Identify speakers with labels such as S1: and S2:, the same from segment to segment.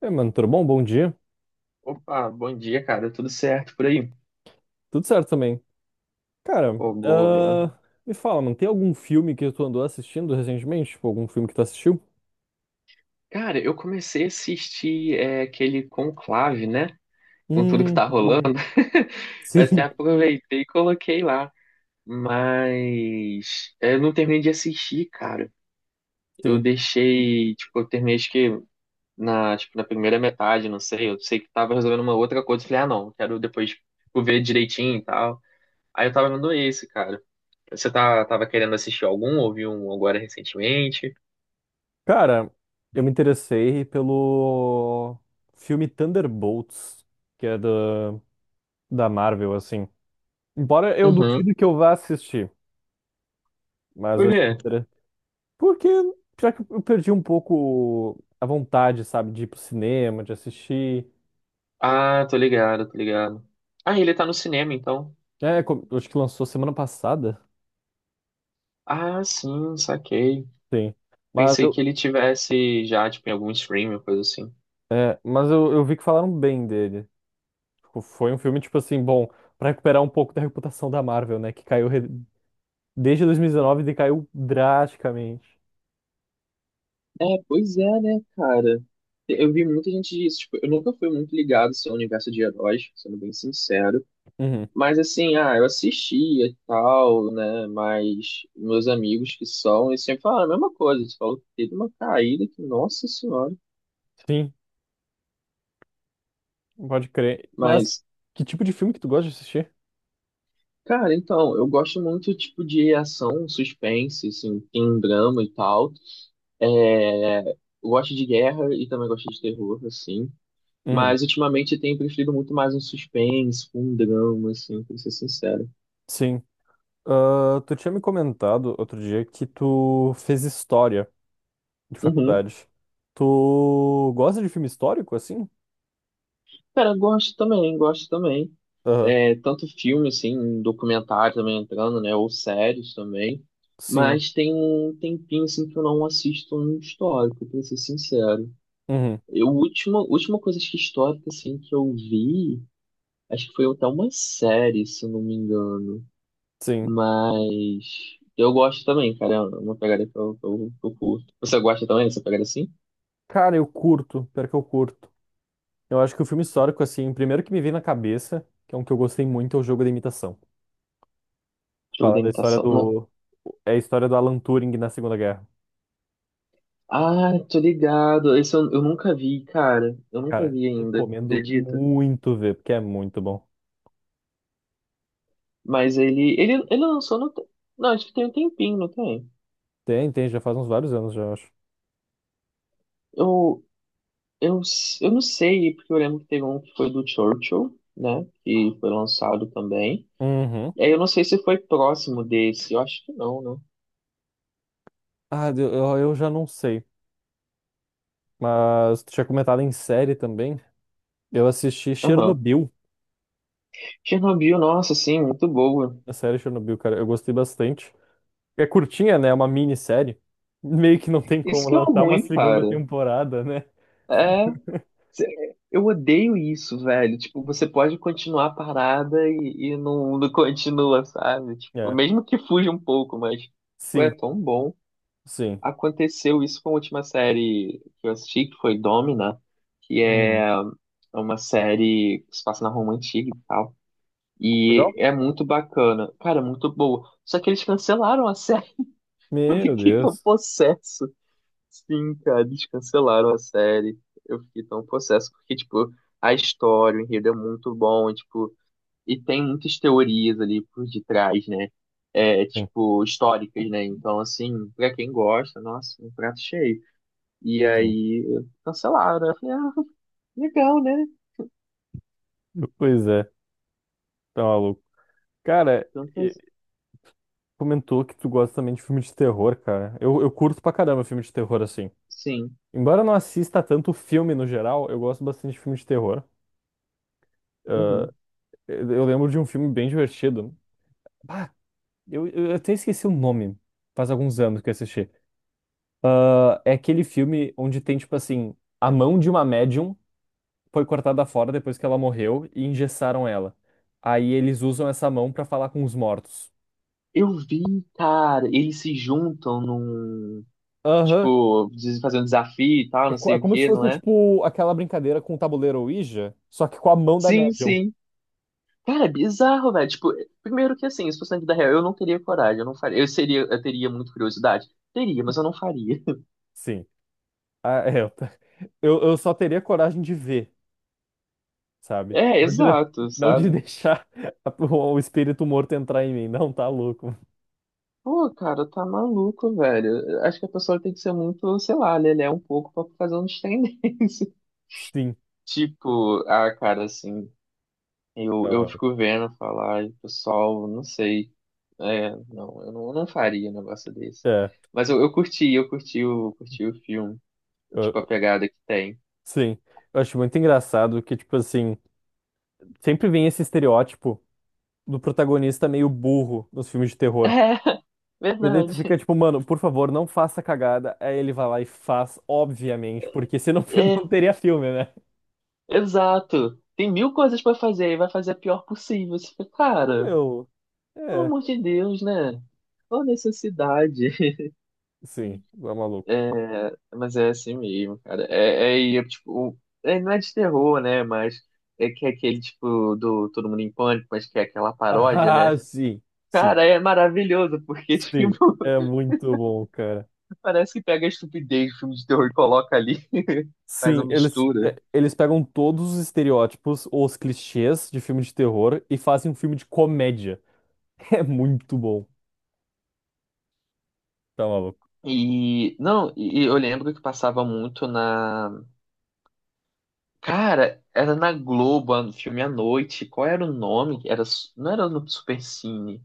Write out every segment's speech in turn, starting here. S1: É, mano, tudo bom? Bom dia.
S2: Opa, bom dia, cara. Tudo certo por aí?
S1: Tudo certo também. Cara,
S2: Pô, boa, boa.
S1: me fala, mano, tem algum filme que tu andou assistindo recentemente? Tipo, algum filme que tu assistiu?
S2: Cara, eu comecei a assistir aquele Conclave, né? Com tudo que
S1: Hum,
S2: tá rolando.
S1: hum,
S2: Eu até
S1: sim,
S2: aproveitei e coloquei lá. Eu não terminei de assistir, cara. Eu
S1: sim.
S2: deixei, tipo, eu terminei acho que na, tipo, na primeira metade, não sei. Eu sei que tava resolvendo uma outra coisa. Eu Falei, ah, não, quero depois tipo, ver direitinho e tal. Aí eu tava vendo esse, cara. Tava querendo assistir algum? Ouviu um agora recentemente?
S1: Cara, eu me interessei pelo filme Thunderbolts, que é da Marvel, assim. Embora eu duvido que eu vá assistir, mas
S2: Por
S1: eu achei
S2: quê?
S1: interessante. Porque, já que eu perdi um pouco a vontade, sabe, de ir pro cinema, de assistir.
S2: Ah, tô ligado, tô ligado. Ah, ele tá no cinema, então.
S1: É, acho que lançou semana passada.
S2: Ah, sim, saquei.
S1: Sim. Mas
S2: Pensei
S1: eu,
S2: que ele tivesse já, tipo, em algum stream, coisa assim.
S1: mas eu vi que falaram bem dele. Tipo, foi um filme, tipo assim, bom, pra recuperar um pouco da reputação da Marvel, né? Que desde 2019 decaiu drasticamente.
S2: É, pois é, né, cara? Eu vi muita gente disso. Tipo, eu nunca fui muito ligado assim, ao universo de heróis, sendo bem sincero.
S1: Uhum.
S2: Mas, assim, ah, eu assistia e tal, né? Mas meus amigos que são, eles sempre falam a mesma coisa. Eles falam que teve uma caída que, nossa senhora.
S1: Sim, pode crer. Mas
S2: Mas
S1: que tipo de filme que tu gosta de assistir?
S2: cara, então, eu gosto muito, tipo, de ação, suspense, assim, tem drama e tal. Eu gosto de guerra e também gosto de terror, assim.
S1: Uhum.
S2: Mas, ultimamente, eu tenho preferido muito mais um suspense, um drama, assim, pra ser sincero.
S1: Sim. Ah, tu tinha me comentado outro dia que tu fez história de
S2: Uhum.
S1: faculdade. Tu gosta de filme histórico, assim?
S2: Cara, gosto também, gosto também.
S1: Aham.
S2: É, tanto filme, assim, documentário também entrando, né? Ou séries também.
S1: Sim.
S2: Mas tem um tempinho, assim, que eu não assisto um histórico, pra ser sincero.
S1: Uhum.
S2: Eu, última coisa acho que histórica, assim, que eu vi, acho que foi até uma série, se eu não me engano.
S1: Sim.
S2: Mas eu gosto também, cara. É uma pegada que eu curto. Você gosta também dessa pegada assim?
S1: Cara, eu curto. Pior que eu curto. Eu acho que o filme histórico, assim, o primeiro que me veio na cabeça, que é um que eu gostei muito, é o Jogo da Imitação.
S2: Jogo
S1: Fala
S2: de
S1: da história
S2: imitação? Não.
S1: do. É a história do Alan Turing na Segunda Guerra.
S2: Ah, tô ligado. Eu nunca vi, cara. Eu nunca
S1: Cara,
S2: vi ainda,
S1: recomendo
S2: acredita?
S1: muito ver, porque é muito bom.
S2: Mas ele lançou Não, acho que tem um tempinho, não tem?
S1: Tem, tem, já faz uns vários anos, já eu acho.
S2: Eu, eu não sei, porque eu lembro que teve um que foi do Churchill, né? Que foi lançado também.
S1: Uhum.
S2: É, eu não sei se foi próximo desse, eu acho que não, né?
S1: Ah, eu já não sei. Mas tu tinha comentado em série também. Eu assisti
S2: Aham.
S1: Chernobyl,
S2: Chernobyl, nossa, sim, muito boa.
S1: a série Chernobyl, cara. Eu gostei bastante. É curtinha, né? É uma minissérie. Meio que não tem
S2: Isso
S1: como
S2: que é o
S1: lançar uma
S2: ruim,
S1: segunda
S2: cara.
S1: temporada, né?
S2: É, eu odeio isso, velho. Tipo, você pode continuar a parada e não continua, sabe? Tipo,
S1: É.
S2: mesmo que fuja um pouco, mas pô, é
S1: Sim,
S2: tão bom.
S1: sim.
S2: Aconteceu isso com a última série que eu assisti, que foi Domina, que
S1: Uhum.
S2: é é uma série que se passa na Roma Antiga e tal.
S1: Legal?
S2: E é muito bacana. Cara, é muito boa. Só que eles cancelaram a série. Eu
S1: Meu
S2: fiquei tão
S1: Deus.
S2: possesso. Sim, cara, eles cancelaram a série. Eu fiquei tão possesso. Porque, tipo, a história, o enredo é muito bom. E tem muitas teorias ali por detrás, né? É,
S1: Sim,
S2: tipo, históricas, né? Então, assim, pra quem gosta, nossa, um prato cheio. E
S1: sim.
S2: aí, cancelaram. Eu falei, ah, legal, né?
S1: Pois é, tá maluco. Cara,
S2: Tanto,
S1: e- comentou que tu gosta também de filme de terror, cara. Eu curto pra caramba filme de terror, assim.
S2: sim.
S1: Embora eu não assista tanto filme no geral, eu gosto bastante de filme de terror. Ah,
S2: Uhum.
S1: eu lembro de um filme bem divertido. Ah, eu até esqueci o nome. Faz alguns anos que eu assisti. Ah, é aquele filme onde tem, tipo assim, a mão de uma médium. Foi cortada fora depois que ela morreu e engessaram ela. Aí eles usam essa mão pra falar com os mortos.
S2: Eu vi, cara, eles se juntam num,
S1: Aham.
S2: tipo, dizem fazer um desafio e tal,
S1: É
S2: não
S1: co-
S2: sei
S1: é
S2: o
S1: como se
S2: que, não
S1: fosse,
S2: é?
S1: tipo, aquela brincadeira com o tabuleiro Ouija, só que com a mão da
S2: Sim,
S1: médium.
S2: sim. Cara, é bizarro, velho. Tipo, primeiro que assim, se fosse na vida real, eu não faria. Eu teria muita curiosidade. Teria, mas eu não faria.
S1: Sim. Ah, é, eu só teria coragem de ver, sabe?
S2: É, exato,
S1: Não de
S2: sabe?
S1: deixar o espírito morto entrar em mim. Não, tá louco.
S2: Pô, cara, tá maluco, velho. Acho que a pessoa tem que ser muito, sei lá, lelé um pouco pra fazer um trem desse.
S1: Sim.
S2: Tipo, ah, cara, assim. Eu
S1: Ah,
S2: fico vendo falar, e, pessoal, não sei. Eu não faria um negócio desse.
S1: é,
S2: Curti o filme. Tipo, a
S1: eu-
S2: pegada que tem.
S1: sim. Eu acho muito engraçado que, tipo assim, sempre vem esse estereótipo do protagonista meio burro nos filmes de terror.
S2: É,
S1: E daí tu fica
S2: verdade.
S1: tipo, mano, por favor, não faça cagada. Aí ele vai lá e faz, obviamente, porque senão
S2: É,
S1: não teria filme, né?
S2: exato. Tem mil coisas pra fazer e vai fazer a pior possível. Você fica,
S1: Ah,
S2: cara,
S1: meu.
S2: pelo
S1: É,
S2: amor de Deus, né? Qual a necessidade?
S1: sim, é maluco.
S2: Mas é assim mesmo, cara. Não é de terror, né? Mas é que é aquele tipo do Todo Mundo em Pânico, mas que é aquela paródia, né?
S1: Ah, sim, sim,
S2: Cara, é maravilhoso, porque, tipo,
S1: sim. É muito bom, cara.
S2: parece que pega a estupidez do filme de terror e coloca ali, faz uma
S1: Sim, eles,
S2: mistura.
S1: é, eles pegam todos os estereótipos ou os clichês de filme de terror e fazem um filme de comédia. É muito bom. Tá maluco.
S2: E, não, e eu lembro que passava muito na. Cara, era na Globo, no filme à noite. Qual era o nome? Não era no Supercine.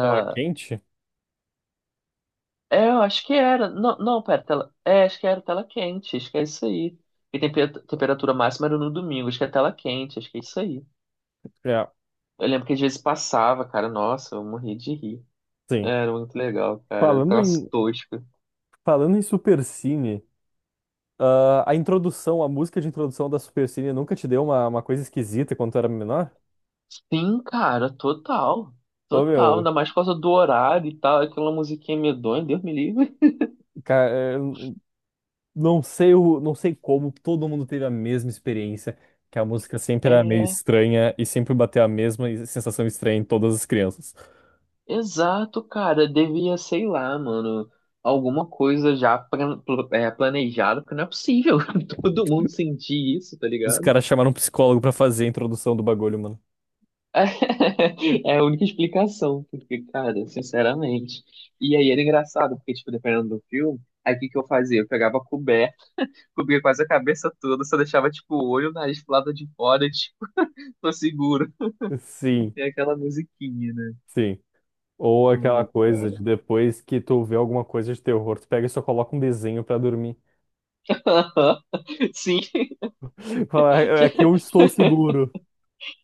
S1: Ela é quente?
S2: É, eu acho que era. Não, não, pera, tela. É, acho que era tela quente, acho que é isso aí. E temperatura máxima era no domingo, acho que é tela quente, acho que é isso aí.
S1: É,
S2: Eu lembro que às vezes passava, cara, nossa, eu morri de rir.
S1: sim.
S2: Era muito legal, cara,
S1: Falando
S2: troço
S1: em
S2: tosco.
S1: Falando em Supercine, a introdução, a música de introdução da Supercine nunca te deu uma coisa esquisita quando tu era menor?
S2: Sim, cara, total.
S1: Ô,
S2: Total, ainda
S1: meu,
S2: mais por causa do horário e tal, aquela musiquinha medonha, Deus me livre.
S1: ca- é, não sei, não sei como todo mundo teve a mesma experiência, que a música sempre era meio
S2: É,
S1: estranha e sempre bateu a mesma sensação estranha em todas as crianças.
S2: exato, cara. Devia, sei lá, mano, alguma coisa já plan- pl- é, planejada, porque não é possível todo mundo sentir isso, tá
S1: Os
S2: ligado?
S1: caras chamaram um psicólogo pra fazer a introdução do bagulho, mano.
S2: É, a única explicação, porque, cara, sinceramente. E aí era engraçado, porque, tipo, dependendo do filme, aí o que que eu fazia? Eu pegava coberto, cobria quase a cabeça toda, só deixava, tipo, o olho, o nariz pro lado de fora, tipo, tô seguro.
S1: Sim,
S2: Tem aquela musiquinha, né?
S1: sim. Ou aquela
S2: Ai,
S1: coisa
S2: cara.
S1: de depois que tu vê alguma coisa de terror, tu pega e só coloca um desenho pra dormir.
S2: Sim,
S1: Fala, aqui eu estou seguro.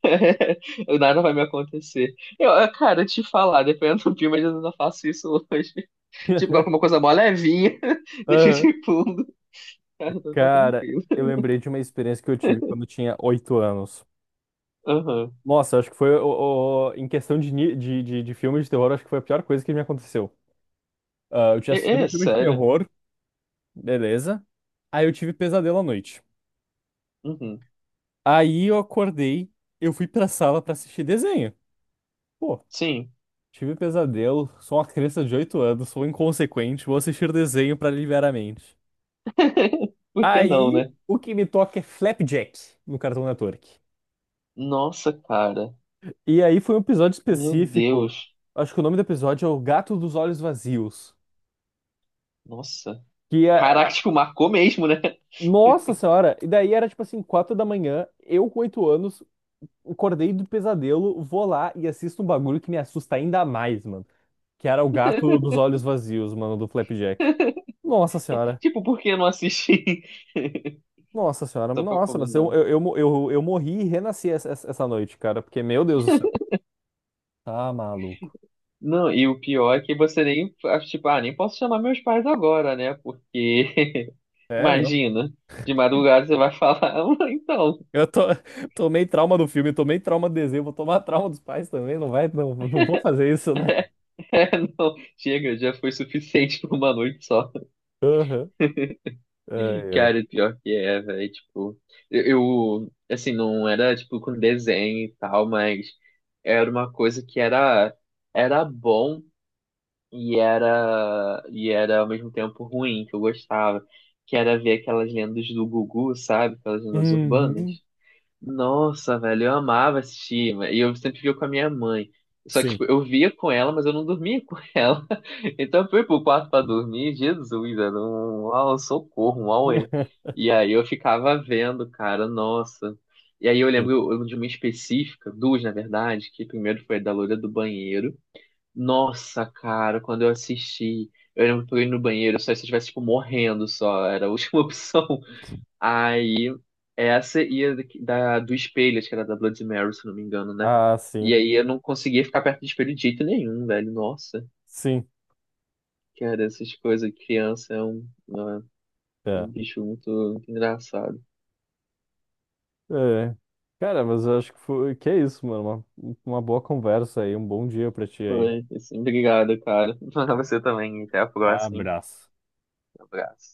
S2: nada vai me acontecer. Cara, te falar, dependendo do filme, às vezes eu não faço isso hoje. Tipo, coloco uma coisa mó levinha, deixa
S1: Aham.
S2: de fundo. Tá, tá
S1: Cara,
S2: tranquilo.
S1: eu lembrei de uma experiência que eu tive quando eu tinha oito anos.
S2: Aham.
S1: Nossa, acho que foi em questão de, de filme de terror, acho que foi a pior coisa que me aconteceu. Ah, eu tinha
S2: É,
S1: assistido um
S2: é,
S1: filme de
S2: sério.
S1: terror, beleza. Aí eu tive pesadelo à noite.
S2: Uhum.
S1: Aí eu acordei, eu fui pra sala pra assistir desenho. Pô,
S2: Sim.
S1: tive pesadelo, sou uma criança de oito anos, sou inconsequente, vou assistir desenho pra aliviar a mente.
S2: Por que não,
S1: Aí
S2: né?
S1: o que me toca é Flapjack no Cartoon Network.
S2: Nossa, cara.
S1: E aí foi um episódio
S2: Meu
S1: específico.
S2: Deus.
S1: Acho que o nome do episódio é O Gato dos Olhos Vazios.
S2: Nossa.
S1: Que é.
S2: Caraca, tipo, marcou mesmo, né?
S1: Nossa Senhora! E daí era tipo assim, quatro da manhã, eu com oito anos, acordei do pesadelo, vou lá e assisto um bagulho que me assusta ainda mais, mano. Que era o gato dos olhos vazios, mano, do Flapjack. Nossa Senhora!
S2: Tipo, por que eu não assisti?
S1: Nossa Senhora!
S2: Só pra
S1: Nossa, mas eu,
S2: combinar.
S1: eu, eu, mo- eu, eu morri e renasci essa noite, cara, porque, meu Deus do céu. Tá maluco.
S2: Não, e o pior é que você nem, ah, tipo, ah, nem posso chamar meus pais agora, né? Porque
S1: É, não.
S2: imagina, de madrugada você vai falar, "Ah, então,
S1: Eu to- Tomei trauma do filme, tomei trauma do desenho, vou tomar trauma dos pais também, não vai, não, não vou fazer isso, né?
S2: é, não, chega, já foi suficiente por uma noite só.
S1: Aham. Ai, ai.
S2: Cara, pior que é, velho, tipo, eu, assim, não era, tipo, com desenho e tal, mas era uma coisa que era, era bom e era ao mesmo tempo ruim, que eu gostava, que era ver aquelas lendas do Gugu, sabe, aquelas lendas urbanas.
S1: Uhum.
S2: Nossa, velho, eu amava assistir, e eu sempre via com a minha mãe. Só que,
S1: Sim.
S2: tipo, eu via com ela, mas eu não dormia com ela. Então eu fui pro quarto pra dormir, Jesus, era um, um socorro, um auê. E aí eu ficava vendo, cara, nossa. E aí
S1: Sim.
S2: eu lembro de uma específica, duas, na verdade, que primeiro foi a da loira do banheiro. Nossa, cara, quando eu assisti, eu lembro que eu ia no banheiro, só se eu estivesse, tipo, morrendo só, era a última opção. Aí, essa e a do espelho, acho que era da Bloody Mary, se não me engano, né?
S1: Ah,
S2: E
S1: sim.
S2: aí eu não conseguia ficar perto do espelho de jeito nenhum, velho. Nossa,
S1: Sim.
S2: cara, essas coisas, criança é um
S1: É.
S2: bicho muito, muito engraçado.
S1: É. Cara, mas eu acho que foi... que é isso, mano. Uma boa conversa aí, um bom dia pra ti aí.
S2: Foi, assim, obrigado, cara. Pra você também. Até a próxima. Hein?
S1: Abraço.
S2: Um Abraço.